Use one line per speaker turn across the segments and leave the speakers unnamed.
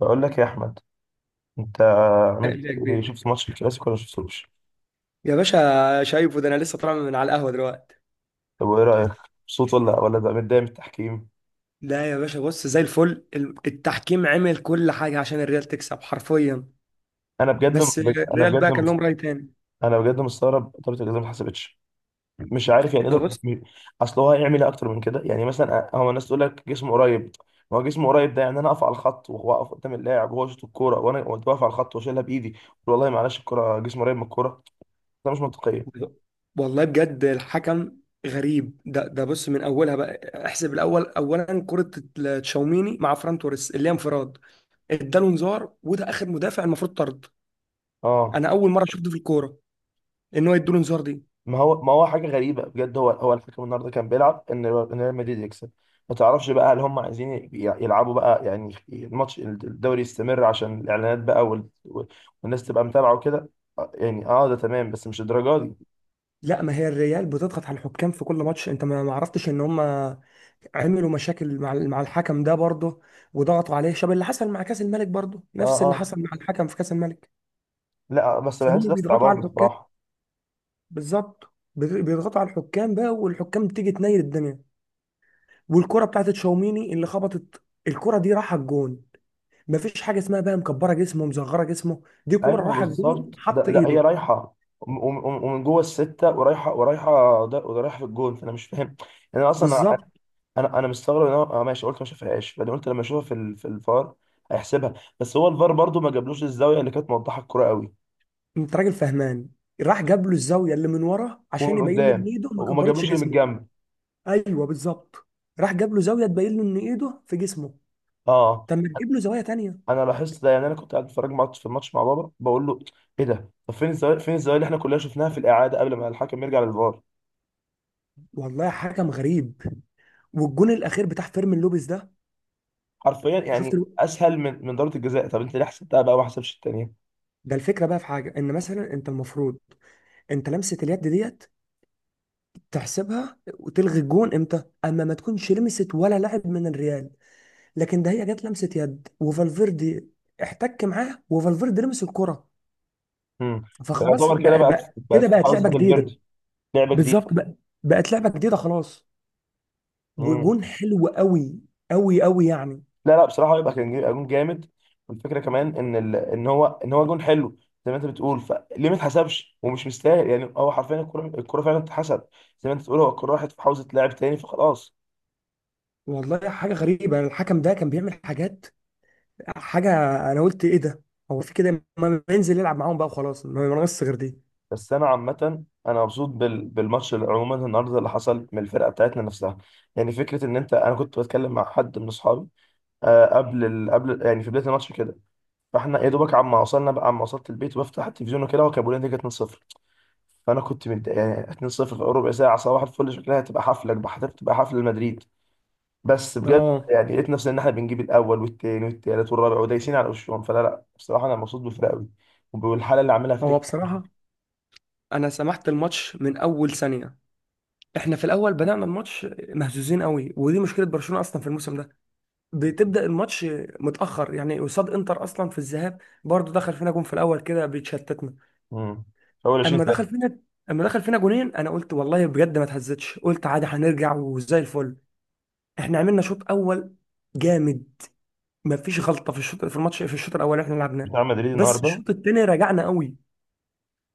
بقول لك يا احمد، انت
قال
عملت
لي يا
إيه؟
كبير.
شفت ماتش الكلاسيكو ولا شفتوش؟
يا باشا شايفه ده، انا لسه طالع من على القهوه دلوقتي.
طب وايه رايك، مبسوط ولا بقى متضايق من التحكيم؟
لا يا باشا، بص زي الفل. التحكيم عمل كل حاجه عشان الريال تكسب حرفيا.
انا بجد
بس
انا
الريال بقى
بجد
كان لهم راي تاني.
انا بجد مستغرب ضربه الجزاء ما اتحسبتش. مش عارف يعني
ده
يقدر،
بص.
اصل هو هيعمل ايه اكتر من كده؟ يعني مثلا هو الناس تقول لك جسمه قريب، ما هو جسمه قريب ده يعني انا اقف على الخط، واقف قدام اللاعب وهو يشوط الكوره، وانا وأنت واقف على الخط واشيلها بايدي. والله معلش الكوره، جسمه قريب من الكوره، ده مش منطقيه.
والله بجد الحكم غريب. ده بص، من اولها بقى احسب الاول، اولا كره تشاوميني مع فران توريس اللي هي انفراد، اداله انذار وده اخر مدافع المفروض طرد.
اه،
انا اول مره شفت في الكوره ان هو يديله انذار دي.
ما هو حاجه غريبه بجد. هو الحكم النهارده كان بيلعب ان ريال مدريد يكسب. ما تعرفش بقى، هل هم عايزين يلعبوا بقى؟ يعني الماتش الدوري يستمر عشان الاعلانات بقى والناس تبقى متابعه وكده. آه، يعني اه ده تمام، بس مش الدرجه دي.
لا، ما هي الريال بتضغط على الحكام في كل ماتش. انت ما عرفتش ان هم عملوا مشاكل مع مع الحكم ده برضه، وضغطوا عليه شبه اللي حصل مع كاس الملك، برضه
اه
نفس اللي
اه،
حصل مع الحكم في كاس الملك.
لا آه، بس
فهم
بحس ده
بيضغطوا
استعباط
على الحكام.
بصراحه.
بالظبط، بيضغطوا على الحكام بقى، والحكام تيجي تنيل الدنيا. والكرة بتاعت تشاوميني اللي خبطت الكرة دي راحت الجون. مفيش حاجة اسمها بقى مكبرة جسمه مصغرة جسمه، دي كرة
ايوه
راحت الجون
بالظبط،
حط
ده هي
ايده.
رايحه ومن جوه السته، ورايحه ورايحه ده ورايحه في الجون، فانا مش فاهم يعني. انا اصلا
بالظبط.
انا مستغرب ان هو، اه ماشي قلت ما شافهاش، بعدين قلت لما اشوفها في في الفار هيحسبها، بس هو الفار برضو ما جابلوش الزاويه اللي كانت موضحه الكوره قوي.
انت راجل فهمان. راح جاب له الزاويه اللي من ورا عشان
ومن
يبين له ان
قدام
ايده ما
وما جابلوش
كبرتش
اللي من
جسمه.
الجنب.
ايوه بالظبط. راح جاب له زاويه تبين له ان ايده في جسمه.
اه،
طب ما تجيب له زوايا تانية.
انا لاحظت ده، يعني انا كنت قاعد بتفرج في الماتش مع بابا، بقول له ايه ده؟ طب فين الزاويه، فين الزاويه اللي احنا كلنا شفناها في الاعاده قبل ما الحكم يرجع للفار؟
والله حكم غريب. والجون الاخير بتاع فيرمين لوبيز ده،
حرفيا
شفت
يعني
الو...
اسهل من ضربه الجزاء، طب انت ليه حسبتها بقى وما حسبش الثانيه؟
ده، الفكره بقى في حاجه، ان مثلا انت المفروض، انت لمسه اليد ديت تحسبها وتلغي الجون امتى؟ اما ما تكونش لمست ولا لاعب من الريال. لكن ده هي جت لمسه يد، وفالفيردي احتك معاه وفالفيردي لمس الكره.
امم،
فخلاص
يعتبر كده
بقى,
بقت
بقى كده
في
بقت
حوزه
لعبه جديده.
الفيردي، لعبه جديده.
بالظبط بقى، بقت لعبه جديده خلاص. وجون حلو قوي، قوي قوي يعني.
لا لا بصراحه هو يبقى كان جون جامد، والفكره كمان ان هو جون حلو. زي ما انت بتقول، فليه ما اتحسبش ومش مستاهل؟ يعني هو حرفيا الكره، فعلا اتحسب. زي ما انت بتقول هو الكره راحت في حوزه لاعب تاني فخلاص.
والله حاجه غريبه. الحكم ده كان بيعمل حاجات. حاجه، انا قلت ايه ده. هو في كده؟ ما ينزل يلعب معاهم بقى وخلاص، ما ناقص غير دي.
بس انا عامه انا مبسوط بالماتش اللي عموما النهارده، اللي حصل من الفرقه بتاعتنا نفسها. يعني فكره ان انت، انا كنت بتكلم مع حد من اصحابي آه، قبل يعني في بدايه الماتش كده. فاحنا يا دوبك عما وصلنا بقى، عما وصلت البيت وبفتح التلفزيون وكده، وكان بيقول لي نتيجه 2-0. فانا كنت متضايق يعني 2-0 في ربع ساعه صباح الفل، شكلها هتبقى حفله، هتبقى حفله مدريد. بس بجد
اه.
يعني لقيت نفسي ان احنا بنجيب الاول والتاني والتالت والرابع ودايسين على وشهم، فلا لا بصراحه انا مبسوط بالفرقه قوي وبالحاله اللي عاملها
هو
فليك.
بصراحه انا سمحت الماتش من اول ثانيه. احنا في الاول بدأنا الماتش مهزوزين قوي، ودي مشكله برشلونه اصلا في الموسم ده. بتبدأ الماتش متأخر، يعني قصاد انتر اصلا في الذهاب برضه دخل فينا جون في الاول كده بيتشتتنا.
امم، اول 20
اما
سنه
دخل فينا اما دخل فينا جونين، انا قلت والله بجد ما اتهزتش، قلت عادي هنرجع وزي الفل. احنا عملنا شوط اول جامد، ما فيش غلطه في الشوط، في الماتش، في الشوط الاول اللي احنا لعبناه.
بتاع مدريد
بس
النهارده.
الشوط التاني رجعنا قوي.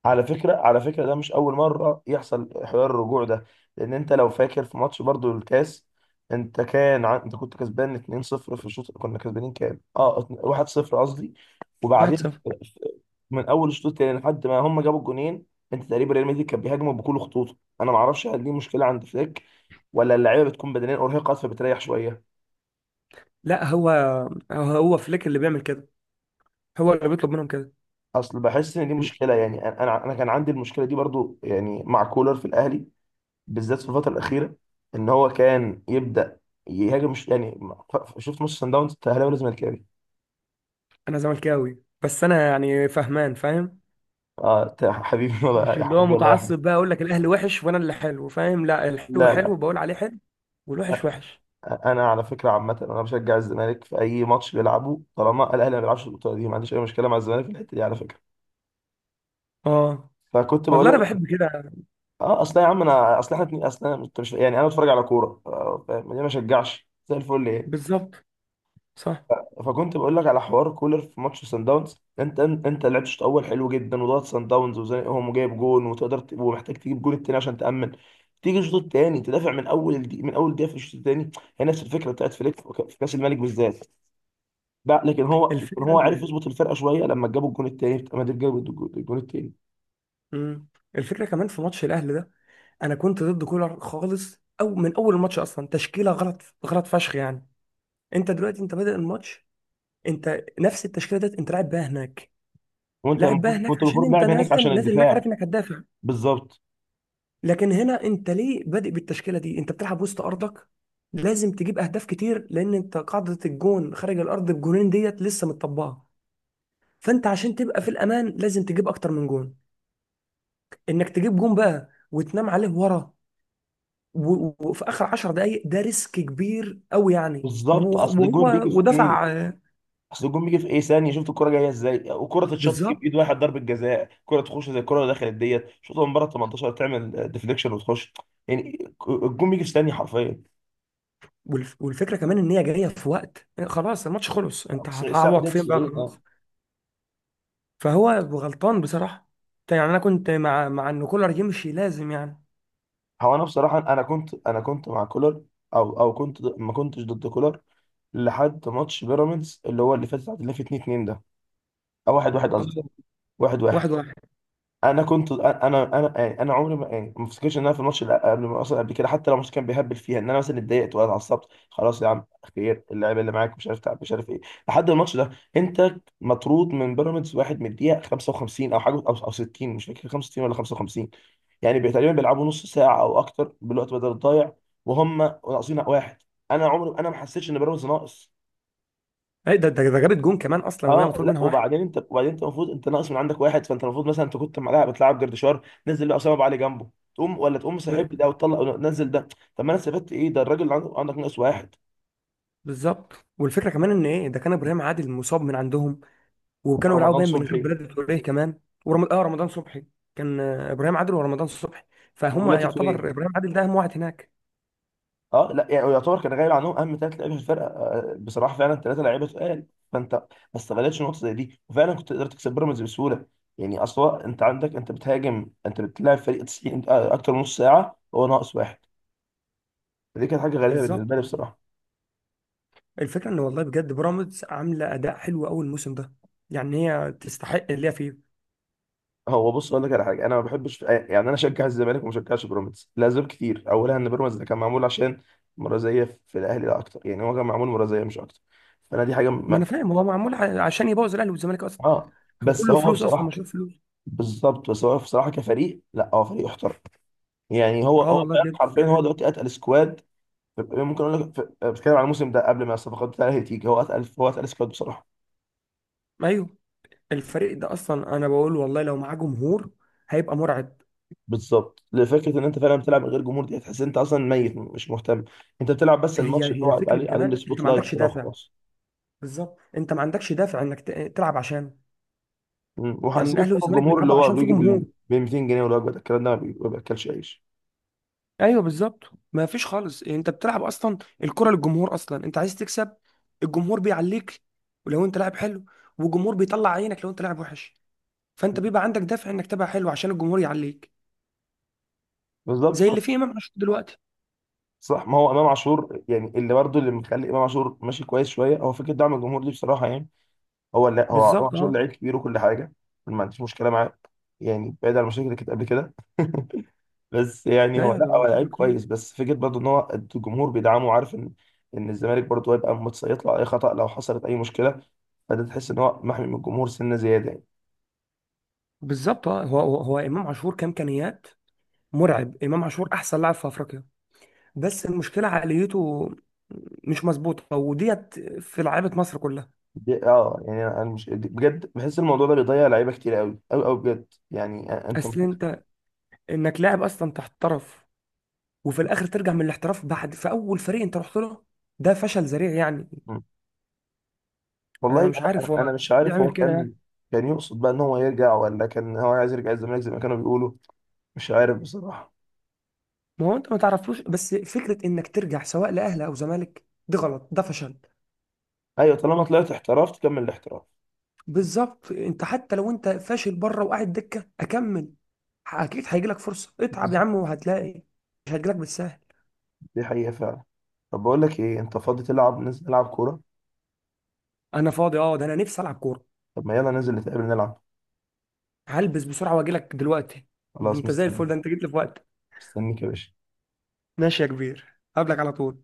على فكرة، ده مش أول مرة يحصل حوار الرجوع ده، لأن أنت لو فاكر في ماتش برضو الكاس، أنت كان أنت كنت كسبان 2-0 في الشوط، كنا كسبانين كام؟ أه 1-0 قصدي. وبعدين
1-0.
من أول الشوط التاني لحد ما هم جابوا الجونين، أنت تقريبا ريال مدريد كان بيهاجموا بكل خطوطه. أنا معرفش هل دي مشكلة عند فليك، ولا اللعيبة بتكون بدنيا أرهقت فبتريح شوية.
لا، هو فليك اللي بيعمل كده، هو اللي بيطلب منهم كده.
أصل بحس إن دي مشكلة يعني، أنا كان عندي المشكلة دي برضو يعني مع كولر في الأهلي، بالذات في الفتره الاخيره. ان هو كان يبدا يهاجم، مش يعني شفت ماتش سان داونز؟ انت اهلاوي ولا زملكاوي؟
انا زملكاوي، بس انا يعني فهمان فاهم.
اه أنت يا حبيبي، والله
مش
يا
اللي هو
حبيبي، والله يا احمد.
متعصب بقى اقول لك الاهلي وحش وانا اللي حلو، فاهم؟ لا، الحلو
لا لا،
حلو بقول عليه حلو والوحش
أ-
وحش.
انا على فكره عامه انا بشجع الزمالك في اي ماتش بيلعبه، طالما الاهلي ما بيلعبش البطوله دي ما عنديش اي مشكله مع الزمالك في الحته دي على فكره.
اه.
فكنت بقول
والله انا
لك،
بحب كده.
اه اصل يا عم انا، اصل احنا اصل انت مش يعني انا بتفرج على كوره آه، فاهم ليه ما اشجعش زي الفل ايه.
بالظبط. صح.
فكنت بقول لك على حوار كولر في ماتش سان داونز، انت لعبت الشوط الاول حلو جدا وضغط سان داونز وزنقهم وجايب جون، وتقدر ومحتاج تجيب جون التاني عشان تامن. تيجي الشوط التاني تدافع من اول دي، من اول دقيقه في الشوط التاني. هي نفس الفكره بتاعت فليك في في كاس الملك بالذات. لا لكن
الفكره
هو عارف
إن-
يظبط الفرقه شويه لما جابوا الجون التاني بتاع مدريد، جابوا الجون التاني
مم. الفكره كمان في ماتش الاهلي ده، انا كنت ضد كولر خالص، او من اول الماتش اصلا تشكيله غلط غلط فشخ يعني. انت دلوقتي انت بادئ الماتش. انت نفس التشكيله ديت انت لاعب بيها هناك،
وانت
لاعب بيها
المفروض،
هناك
كنت
عشان
المفروض
انت
لاعب هناك عشان
نازل نازل هناك
الدفاع.
عارف انك هتدافع.
بالظبط.
لكن هنا انت ليه بادئ بالتشكيله دي؟ انت بتلعب وسط ارضك، لازم تجيب اهداف كتير، لان انت قاعده الجون خارج الارض بجونين ديت لسه متطبقه. فانت عشان تبقى في الامان لازم تجيب اكتر من جون، انك تجيب جون بقى وتنام عليه ورا. وفي اخر 10 دقائق ده ريسك كبير قوي يعني
اصل الجون
وهو
بيجي في ايه،
ودفع
ثانيه. شفت الكره جايه ازاي؟ وكره تتشاط تجيب ايد
بالظبط.
واحد ضربه جزاء، كره تخش زي الكره اللي دخلت ديت، شوطها من بره 18 تعمل ديفليكشن وتخش. يعني الجون بيجي في ثانيه حرفيا،
والفكره كمان ان هي جايه في وقت خلاص، الماتش خلص، انت
بس
هتعوض
ده
فين بقى
90. اه،
خلاص. فهو غلطان بصراحه، يعني انا كنت مع ان كولر يمشي، لازم يعني
هو انا بصراحه انا كنت مع كولر، او كنت ما كنتش ضد كولر لحد ماتش بيراميدز اللي هو اللي فات، اللي فات 2 2 ده، او 1 1 قصدي.
آه،
1 1.
1-1.
انا كنت انا انا يعني انا عمري ما، يعني ما افتكرش ان انا في الماتش اللي قبل، ما اصلا قبل كده حتى لو الماتش كان بيهبل فيها، ان انا مثلا اتضايقت ولا اتعصبت، خلاص يا عم خير، اللعيبه اللي معاك مش عارف تعب مش عارف ايه، لحد الماتش ده. انت مطرود من بيراميدز واحد من الدقيقه 55 او حاجه، او 60، مش فاكر 65 ولا 55. يعني تقريبا بيلعبوا نص ساعه او اكتر بالوقت بدل الضايع، وهم ناقصين واحد. انا عمري انا ما حسيتش ان بيراميدز ناقص
ايه ده، جابت جون كمان اصلا وهي
اه
مطرود
لا
منها واحد.
وبعدين انت وبعدين انت المفروض انت ناقص من عندك واحد، فانت المفروض مثلا انت كنت معاه بتلعب جردشار، نزل له اسامه ابو علي جنبه. تقوم ولا تقوم سحب
ب-
ده وتطلع نزل ده، طب ما انا استفدت ايه؟ ده الراجل اللي عندك ناقص واحد.
بالظبط. والفكره كمان ان، ايه ده، كان ابراهيم عادل مصاب من عندهم، وكانوا بيلعبوا
ورمضان
باين، من غير
صبحي.
بلاد تروليه كمان. ورم... اه رمضان صبحي. كان ابراهيم عادل ورمضان صبحي. فهم
وبلاتي توريه.
يعتبر ابراهيم عادل ده اهم واحد هناك.
اه لا يعني يعتبر كان غايب عنهم اهم ثلاث لعيبه في الفرقه آه، بصراحه فعلا ثلاثه لعيبه تقال. فانت ما استغلتش النقطه زي دي، وفعلا كنت قدرت تكسب بيراميدز بسهوله. يعني اصل هو انت عندك، انت بتهاجم، انت بتلعب فريق 90 آه، اكتر من نص ساعه هو ناقص واحد. فدي كانت حاجه غريبه
بالظبط.
بالنسبه لي بصراحه.
الفكره ان والله بجد بيراميدز عامله اداء حلو قوي الموسم ده. يعني هي تستحق اللي هي فيه.
هو بص اقول لك على حاجه، انا ما بحبش يعني انا اشجع الزمالك وما اشجعش بيراميدز لاسباب كتير، اولها ان بيراميدز ده كان معمول عشان مرازيه في الاهلي لا اكتر، يعني هو كان معمول مرازيه مش اكتر. فانا دي حاجه
ما
ما...
انا فاهم، هو معمول عشان يبوظ الاهلي والزمالك اصلا.
اه.
هو
بس
كله
هو
فلوس اصلا،
بصراحه،
مشروع فلوس.
بالظبط، بس هو بصراحه كفريق لا هو فريق يحترم. يعني هو
اه.
هو
والله
فعلاً
بجد
حرفيا
فريق
هو
حلو.
دلوقتي اتقل سكواد. ممكن اقول لك آه، بتكلم على الموسم ده قبل ما الصفقات بتاعته تيجي، هو اتقل، سكواد بصراحه.
ايوه. الفريق ده اصلا، انا بقول والله لو معاه جمهور هيبقى مرعب.
بالظبط، لفكره ان انت فعلا بتلعب من غير جمهور، دي هتحس ان انت اصلا ميت مش مهتم. انت بتلعب بس
هي
الماتش اللي هو
هي فكره
عليه، عليه
كمان انت
السبوت
ما
لايت
عندكش
كده
دافع.
وخلاص.
بالظبط. انت ما عندكش دافع انك تلعب عشانه.
مم.
يعني
وهيسيبك
الاهلي
طبعا
والزمالك
الجمهور اللي
بيلعبوا
هو
عشان في
بيجي بال،
جمهور.
ب 200 جنيه والوجبه ده. الكلام ده ما بياكلش عيش.
ايوه بالظبط. ما فيش خالص، يعني انت بتلعب اصلا، الكره للجمهور اصلا، انت عايز تكسب. الجمهور بيعليك ولو انت لاعب حلو، والجمهور بيطلع عينك لو انت لاعب وحش. فانت بيبقى عندك دافع انك تبقى حلو عشان الجمهور يعليك.
بالظبط.
زي اللي فيه امام عاشور دلوقتي.
صح، ما هو امام عاشور يعني، اللي برضه اللي مخلي امام عاشور ماشي كويس شويه هو فكره دعم الجمهور دي بصراحه يعني. هو لا، امام
بالظبط.
عاشور
اه.
لعيب كبير وكل حاجه، ما عنديش مشكله معاه يعني، بعيد عن المشاكل اللي كانت قبل كده بس يعني هو
ايوه.
لا
ده
هو
مش شكله
لعيب
كتير.
كويس، بس فكره برضه ان هو الجمهور بيدعمه وعارف ان ان الزمالك برضه هيبقى متسيط له على اي خطأ لو حصلت اي مشكله. فده تحس ان هو محمي من الجمهور سنه زياده يعني.
بالظبط اه. هو امام عاشور كامكانيات مرعب. امام عاشور احسن لاعب في افريقيا. بس المشكله عقليته مش مظبوطه، وديت في لعيبه مصر كلها.
دي اه يعني، انا مش بجد بحس الموضوع ده بيضيع لعيبه كتير، قوي قوي قوي بجد يعني، انت
اصل انك لاعب اصلا تحترف، وفي الاخر ترجع من الاحتراف بعد في اول فريق انت رحت له، ده فشل ذريع يعني.
م. والله
انا مش
انا
عارف
انا
هو
أنا مش عارف هو
يعمل كده
كان،
يعني.
كان يقصد بقى ان هو يرجع، ولا كان هو عايز يرجع الزمالك زي ما كانوا بيقولوا؟ مش عارف بصراحه.
ما هو انت ما تعرفوش، بس فكره انك ترجع سواء لاهلي او زمالك دي غلط، ده فشل.
ايوه طالما طلعت احتراف تكمل الاحتراف.
بالظبط. انت حتى لو انت فاشل بره وقاعد دكه اكمل. اكيد هيجيلك فرصه. اتعب يا عم وهتلاقي، مش هتجيلك بالسهل.
دي حقيقة فعلا. طب بقول لك ايه، انت فاضي تلعب؟ ننزل نلعب كورة؟
انا فاضي. اه، ده انا نفسي العب كوره.
طب ما يلا ننزل نتقابل نلعب.
هلبس بسرعه واجيلك دلوقتي. ده
خلاص
انت زي
مستني،
الفل، ده انت جيت لي في وقت.
مستنيك يا باشا.
ماشي يا كبير، قبلك على طول.